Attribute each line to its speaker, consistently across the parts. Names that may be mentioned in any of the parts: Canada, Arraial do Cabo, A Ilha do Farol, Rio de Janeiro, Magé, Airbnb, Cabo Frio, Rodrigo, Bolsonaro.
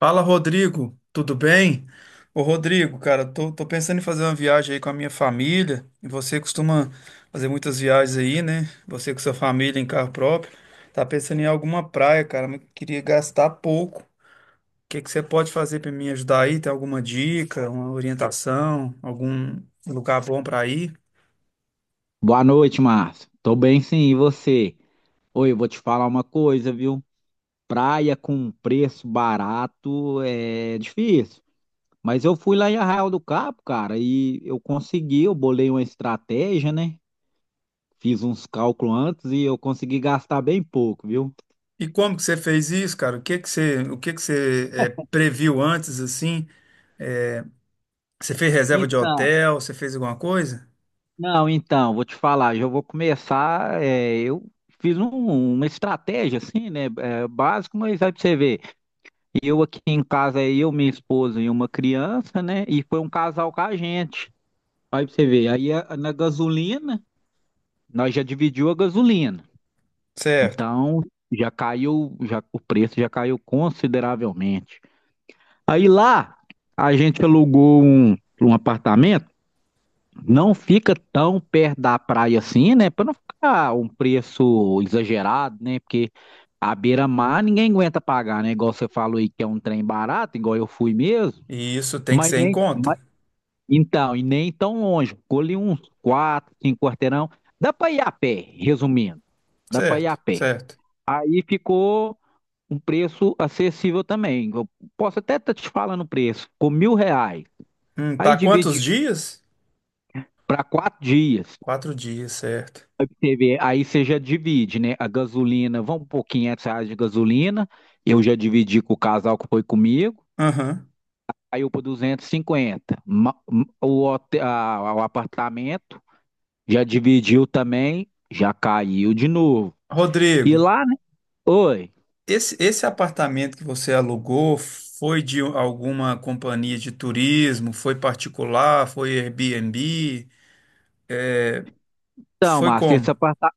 Speaker 1: Fala, Rodrigo, tudo bem? Ô, Rodrigo, cara, tô pensando em fazer uma viagem aí com a minha família. E você costuma fazer muitas viagens aí, né? Você com sua família em carro próprio. Tá pensando em alguma praia, cara, mas queria gastar pouco. O que que você pode fazer para me ajudar aí? Tem alguma dica, uma orientação, algum lugar bom para ir?
Speaker 2: Boa noite, Márcio. Tô bem sim, e você? Oi, eu vou te falar uma coisa, viu? Praia com preço barato é difícil. Mas eu fui lá em Arraial do Cabo, cara, e eu bolei uma estratégia, né? Fiz uns cálculos antes e eu consegui gastar bem pouco, viu?
Speaker 1: E como que você fez isso, cara? O que que você, previu antes, assim? Você fez reserva de
Speaker 2: Então,
Speaker 1: hotel? Você fez alguma coisa?
Speaker 2: não, então, vou te falar, já vou começar, eu fiz uma estratégia assim, né? É, básico, mas aí pra você ver. E eu aqui em casa, é eu, minha esposa e uma criança, né? E foi um casal com a gente. Aí pra você ver, na gasolina, nós já dividiu a gasolina.
Speaker 1: Certo.
Speaker 2: Então, já caiu, já o preço já caiu consideravelmente. Aí lá, a gente alugou um apartamento, não fica tão perto da praia assim, né? Para não ficar um preço exagerado, né? Porque a beira-mar ninguém aguenta pagar, né? Igual você falou aí que é um trem barato, igual eu fui mesmo.
Speaker 1: E isso tem que
Speaker 2: Mas
Speaker 1: ser em
Speaker 2: nem. Mas-
Speaker 1: conta.
Speaker 2: Então, e nem tão longe. Ficou ali uns quatro, cinco quarteirão. Dá para ir a pé, resumindo. Dá para ir a
Speaker 1: Certo,
Speaker 2: pé.
Speaker 1: certo.
Speaker 2: Aí ficou um preço acessível também. Eu posso até estar te falando o preço. Ficou R$ 1.000. Aí
Speaker 1: Para quantos
Speaker 2: dividi
Speaker 1: dias?
Speaker 2: para 4 dias.
Speaker 1: Quatro dias, certo.
Speaker 2: Você vê. Aí você já divide, né? A gasolina, vamos por R$ 500 de gasolina. Eu já dividi com o casal que foi comigo.
Speaker 1: Aham.
Speaker 2: Aí eu por 250. O hotel, o apartamento. Já dividiu também, já caiu de novo. E
Speaker 1: Rodrigo,
Speaker 2: lá, né? Oi.
Speaker 1: esse apartamento que você alugou foi de alguma companhia de turismo? Foi particular? Foi Airbnb?
Speaker 2: Então,
Speaker 1: Foi
Speaker 2: Márcio,
Speaker 1: como?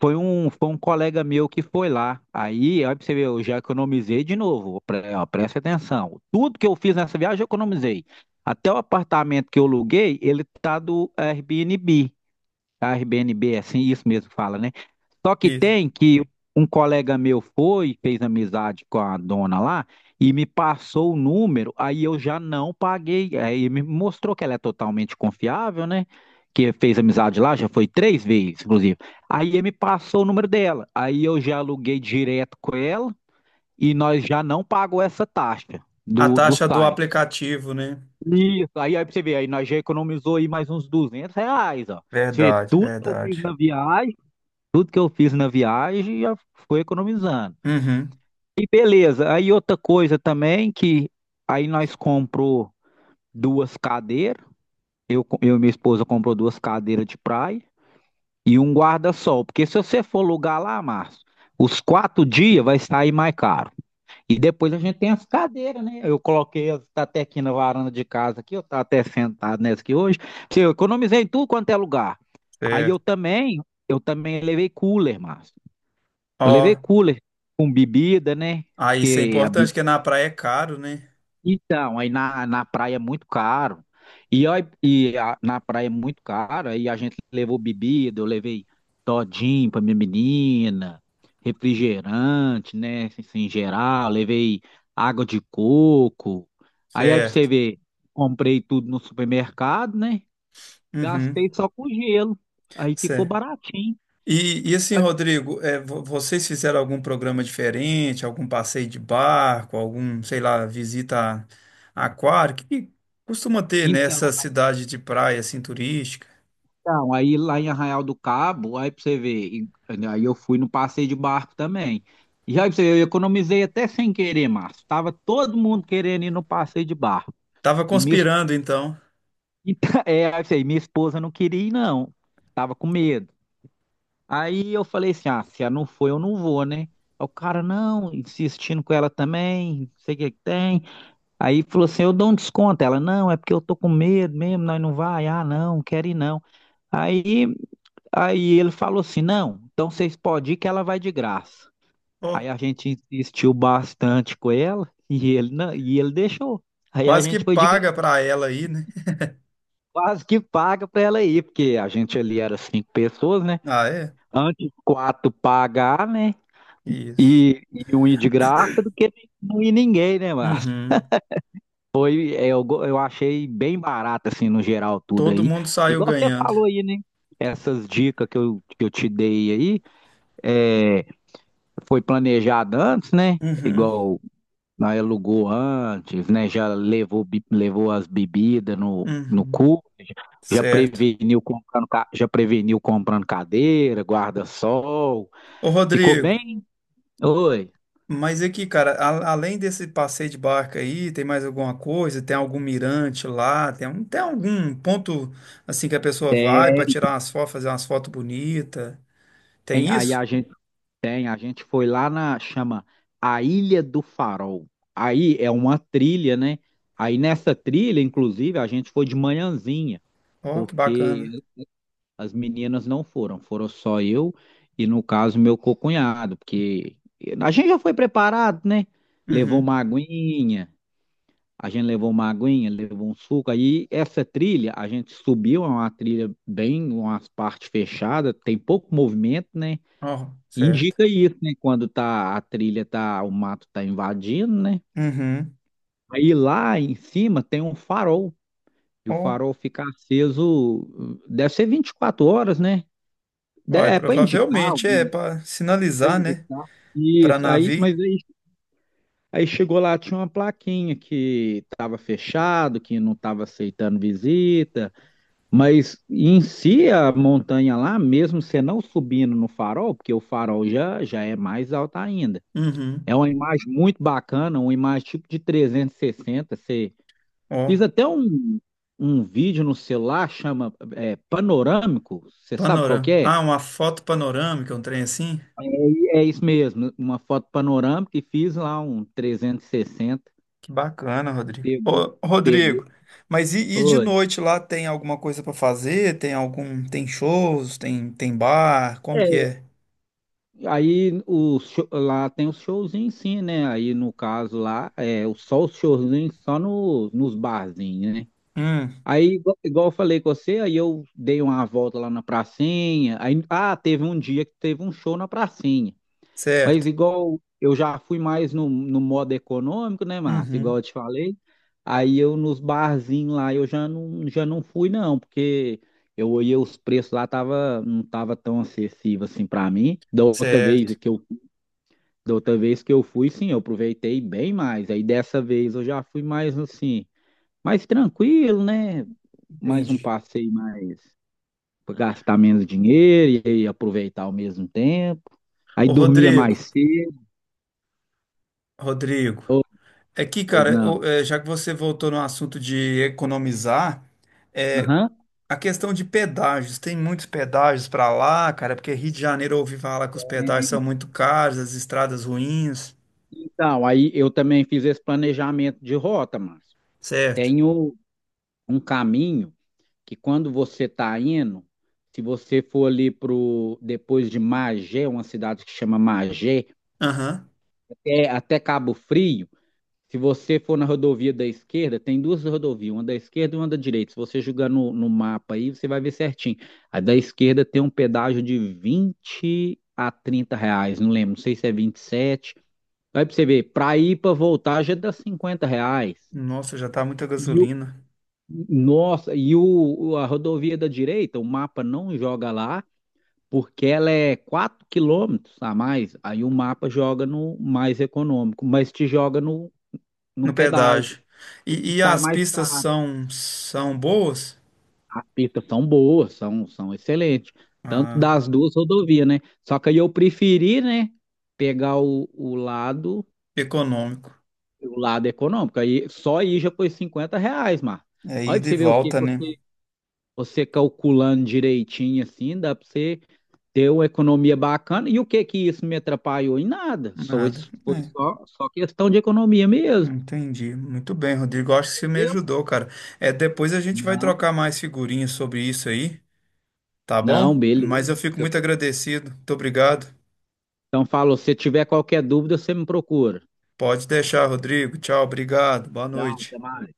Speaker 2: foi um colega meu que foi lá. Aí, olha pra você ver, eu já economizei de novo. Ó, presta atenção. Tudo que eu fiz nessa viagem, eu economizei. Até o apartamento que eu aluguei, ele tá do Airbnb. A Airbnb, é assim, isso mesmo fala, né? Só que
Speaker 1: Isso.
Speaker 2: tem que um colega meu foi, fez amizade com a dona lá e me passou o número, aí eu já não paguei. Aí me mostrou que ela é totalmente confiável, né? Que fez amizade lá, já foi três vezes, inclusive. Aí ele me passou o número dela. Aí eu já aluguei direto com ela e nós já não pagou essa taxa
Speaker 1: A
Speaker 2: do
Speaker 1: taxa do
Speaker 2: site.
Speaker 1: aplicativo, né?
Speaker 2: Isso, aí pra você ver, aí nós já economizou aí mais uns R$ 200, ó. Você
Speaker 1: Verdade,
Speaker 2: tudo que eu fiz
Speaker 1: verdade.
Speaker 2: na viagem. Tudo que eu fiz na viagem já foi economizando.
Speaker 1: Uhum,
Speaker 2: E beleza, aí outra coisa também que aí nós comprou duas cadeiras, eu e minha esposa comprou duas cadeiras de praia e um guarda-sol, porque se você for alugar lá, Márcio, os 4 dias vai sair mais caro. E depois a gente tem as cadeiras, né? Eu coloquei, tá até aqui na varanda de casa aqui, eu tá até sentado nessa aqui hoje, eu economizei em tudo quanto é lugar. Aí eu
Speaker 1: certo.
Speaker 2: também, eu também levei cooler, Márcio. Eu levei
Speaker 1: Ó,
Speaker 2: cooler com bebida, né?
Speaker 1: aí isso é
Speaker 2: Porque a
Speaker 1: importante,
Speaker 2: bebida.
Speaker 1: porque na praia é caro, né?
Speaker 2: Então, aí na praia é muito caro. Na praia é muito caro. Aí a gente levou bebida, eu levei todinho pra minha menina, refrigerante, né? Assim, em geral, levei água de coco. Aí pra você
Speaker 1: Certo.
Speaker 2: ver, comprei tudo no supermercado, né?
Speaker 1: Uhum.
Speaker 2: Gastei só com gelo. Aí ficou baratinho.
Speaker 1: E assim, Rodrigo, é, vocês fizeram algum programa diferente, algum passeio de barco, algum, sei lá, visita a aquário, que costuma ter
Speaker 2: Então.
Speaker 1: nessa cidade de praia assim turística?
Speaker 2: Então, aí lá em Arraial do Cabo, aí pra você ver, né, aí eu fui no passeio de barco também. E aí pra você ver, eu economizei até sem querer, Márcio. Tava todo mundo querendo ir no passeio de barco.
Speaker 1: Tava
Speaker 2: E minha, es-
Speaker 1: conspirando então.
Speaker 2: assim, aí pra você ver, minha esposa não queria ir, não. Tava com medo. Aí eu falei assim, ah, se ela não for, eu não vou, né? Aí o cara, não, insistindo com ela também, não sei o que que tem. Aí falou assim, eu dou um desconto. Ela, não, é porque eu tô com medo mesmo, nós não vai. Ah, não, não quero ir não. Aí... Aí ele falou assim: não, então vocês podem ir que ela vai de graça.
Speaker 1: Ó,
Speaker 2: Aí a gente insistiu bastante com ela e ele, não, e ele deixou. Aí a
Speaker 1: quase que
Speaker 2: gente foi de graça,
Speaker 1: paga pra ela aí, né?
Speaker 2: quase que paga para ela ir, porque a gente ali era cinco pessoas, né?
Speaker 1: Ah, é?
Speaker 2: Antes quatro pagar, né?
Speaker 1: Isso.
Speaker 2: E um ir de graça do que não ir ninguém, né, Márcio?
Speaker 1: Uhum.
Speaker 2: Eu achei bem barato, assim, no geral, tudo
Speaker 1: Todo
Speaker 2: aí.
Speaker 1: mundo saiu
Speaker 2: Igual você
Speaker 1: ganhando.
Speaker 2: falou aí, né? Essas dicas que eu te dei aí. é, Foi planejado antes, né?
Speaker 1: Uhum.
Speaker 2: Igual nós alugou antes, né? Já levou as bebidas no
Speaker 1: Uhum.
Speaker 2: cu, já
Speaker 1: Certo.
Speaker 2: preveniu comprando, ca- já preveniu comprando cadeira, guarda-sol.
Speaker 1: Ô,
Speaker 2: Ficou
Speaker 1: Rodrigo.
Speaker 2: bem? Oi.
Speaker 1: Mas aqui, cara, além desse passeio de barca aí, tem mais alguma coisa? Tem algum mirante lá? Tem algum ponto assim que a pessoa vai para tirar umas fotos, fazer umas fotos bonitas? Tem
Speaker 2: Aí a
Speaker 1: isso?
Speaker 2: gente tem, a gente foi lá chama A Ilha do Farol. Aí é uma trilha, né? Aí nessa trilha, inclusive, a gente foi de manhãzinha,
Speaker 1: Ó, que
Speaker 2: porque
Speaker 1: bacana.
Speaker 2: as meninas não foram, foram só eu e, no caso, meu cunhado, porque a gente já foi preparado, né? Levou
Speaker 1: Uhum.
Speaker 2: uma aguinha, a gente levou uma aguinha, levou um suco. Aí essa trilha, a gente subiu, é uma trilha bem, umas partes fechadas, tem pouco movimento, né?
Speaker 1: Ó, certo.
Speaker 2: Indica isso, né? A trilha tá, o mato tá invadindo, né?
Speaker 1: Uhum.
Speaker 2: Aí lá em cima tem um farol, e o
Speaker 1: Ó,
Speaker 2: farol fica aceso, deve ser 24 horas, né?
Speaker 1: ó, é,
Speaker 2: É para indicar.
Speaker 1: provavelmente é para
Speaker 2: Foi
Speaker 1: sinalizar, né?
Speaker 2: indicar.
Speaker 1: Para
Speaker 2: Isso, aí,
Speaker 1: navio.
Speaker 2: mas aí chegou lá, tinha uma plaquinha que estava fechado, que não estava aceitando visita, mas em si a montanha lá, mesmo você não subindo no farol, porque o farol já é mais alto ainda.
Speaker 1: Uhum.
Speaker 2: É uma imagem muito bacana, uma imagem tipo de 360. Eu fiz
Speaker 1: Ó,
Speaker 2: até um vídeo no celular, chama Panorâmico, você sabe qual que
Speaker 1: panorama.
Speaker 2: é?
Speaker 1: Ah, uma foto panorâmica, um trem assim?
Speaker 2: É isso mesmo, uma foto panorâmica e fiz lá um 360,
Speaker 1: Que bacana, Rodrigo.
Speaker 2: pegou,
Speaker 1: Ô,
Speaker 2: pegou.
Speaker 1: Rodrigo, mas e de
Speaker 2: Oi.
Speaker 1: noite lá tem alguma coisa pra fazer? Tem algum, tem shows, tem bar, como
Speaker 2: É,
Speaker 1: que é?
Speaker 2: aí lá tem os showzinhos sim, né? Aí no caso lá, só os showzinhos só no, nos barzinhos, né?
Speaker 1: Hum,
Speaker 2: Aí, igual eu falei com você, aí eu dei uma volta lá na pracinha. Aí, ah, teve um dia que teve um show na pracinha. Mas
Speaker 1: certo.
Speaker 2: igual eu já fui mais no modo econômico, né, Márcio? Igual
Speaker 1: Uhum,
Speaker 2: eu te falei. Aí eu nos barzinhos lá eu já não fui não, porque eu olhei os preços lá tava não tava tão acessível assim para mim. Da outra vez
Speaker 1: certo.
Speaker 2: que eu da outra vez que eu fui, sim, eu aproveitei bem mais. Aí dessa vez eu já fui mais assim, mais tranquilo, né? Mais um
Speaker 1: Entendi.
Speaker 2: passeio mais para gastar menos dinheiro e aí aproveitar ao mesmo tempo. Aí
Speaker 1: Ô,
Speaker 2: dormia
Speaker 1: Rodrigo,
Speaker 2: mais cedo.
Speaker 1: Rodrigo,
Speaker 2: Ô,
Speaker 1: é que,
Speaker 2: pois
Speaker 1: cara,
Speaker 2: não.
Speaker 1: ô, é, já que você voltou no assunto de economizar, é,
Speaker 2: Aham.
Speaker 1: a questão de pedágios, tem muitos pedágios pra lá, cara, porque Rio de Janeiro eu ouvi falar que os pedágios são muito caros, as estradas ruins,
Speaker 2: Então, aí eu também fiz esse planejamento de rota, Márcio.
Speaker 1: certo?
Speaker 2: Tenho um caminho que quando você está indo, se você for ali pro depois de Magé, uma cidade que chama Magé,
Speaker 1: Aham.
Speaker 2: até Cabo Frio, se você for na rodovia da esquerda, tem duas rodovias, uma da esquerda e uma da direita. Se você jogar no mapa aí, você vai ver certinho. A da esquerda tem um pedágio de R$ 20 a 30, não lembro, não sei se é 27. Aí pra você ver, pra ir pra voltar já dá R$ 50.
Speaker 1: Nossa, já tá muita
Speaker 2: E o,
Speaker 1: gasolina
Speaker 2: Nossa, a rodovia da direita, o mapa não joga lá, porque ela é 4 quilômetros a mais. Aí o mapa joga no mais econômico, mas te joga no
Speaker 1: no
Speaker 2: pedágio.
Speaker 1: pedágio.
Speaker 2: E
Speaker 1: E
Speaker 2: sai
Speaker 1: as
Speaker 2: mais
Speaker 1: pistas
Speaker 2: caro.
Speaker 1: são, são boas?
Speaker 2: As pistas são boas, são excelentes. Tanto
Speaker 1: Ah,
Speaker 2: das duas rodovias, né? Só que aí eu preferi, né? Pegar o, o lado
Speaker 1: econômico.
Speaker 2: o lado econômico. Aí, só aí já foi R$ 50, Mar.
Speaker 1: É
Speaker 2: Olha pra
Speaker 1: ida e
Speaker 2: você ver o que que
Speaker 1: volta, né?
Speaker 2: você calculando direitinho assim, dá pra você ter uma economia bacana. E o que que isso me atrapalhou? Em nada. Só,
Speaker 1: Nada.
Speaker 2: isso foi
Speaker 1: É,
Speaker 2: só questão de economia mesmo.
Speaker 1: entendi. Muito bem, Rodrigo. Acho que você me
Speaker 2: Entendeu?
Speaker 1: ajudou, cara. É, depois a gente vai
Speaker 2: Não,
Speaker 1: trocar mais figurinhas sobre isso aí, tá bom?
Speaker 2: não,
Speaker 1: Mas
Speaker 2: beleza.
Speaker 1: eu fico
Speaker 2: Se
Speaker 1: muito
Speaker 2: você-
Speaker 1: agradecido. Muito obrigado.
Speaker 2: Então, falou, se tiver qualquer dúvida, você me procura.
Speaker 1: Pode deixar, Rodrigo. Tchau, obrigado. Boa
Speaker 2: Tchau,
Speaker 1: noite.
Speaker 2: até mais.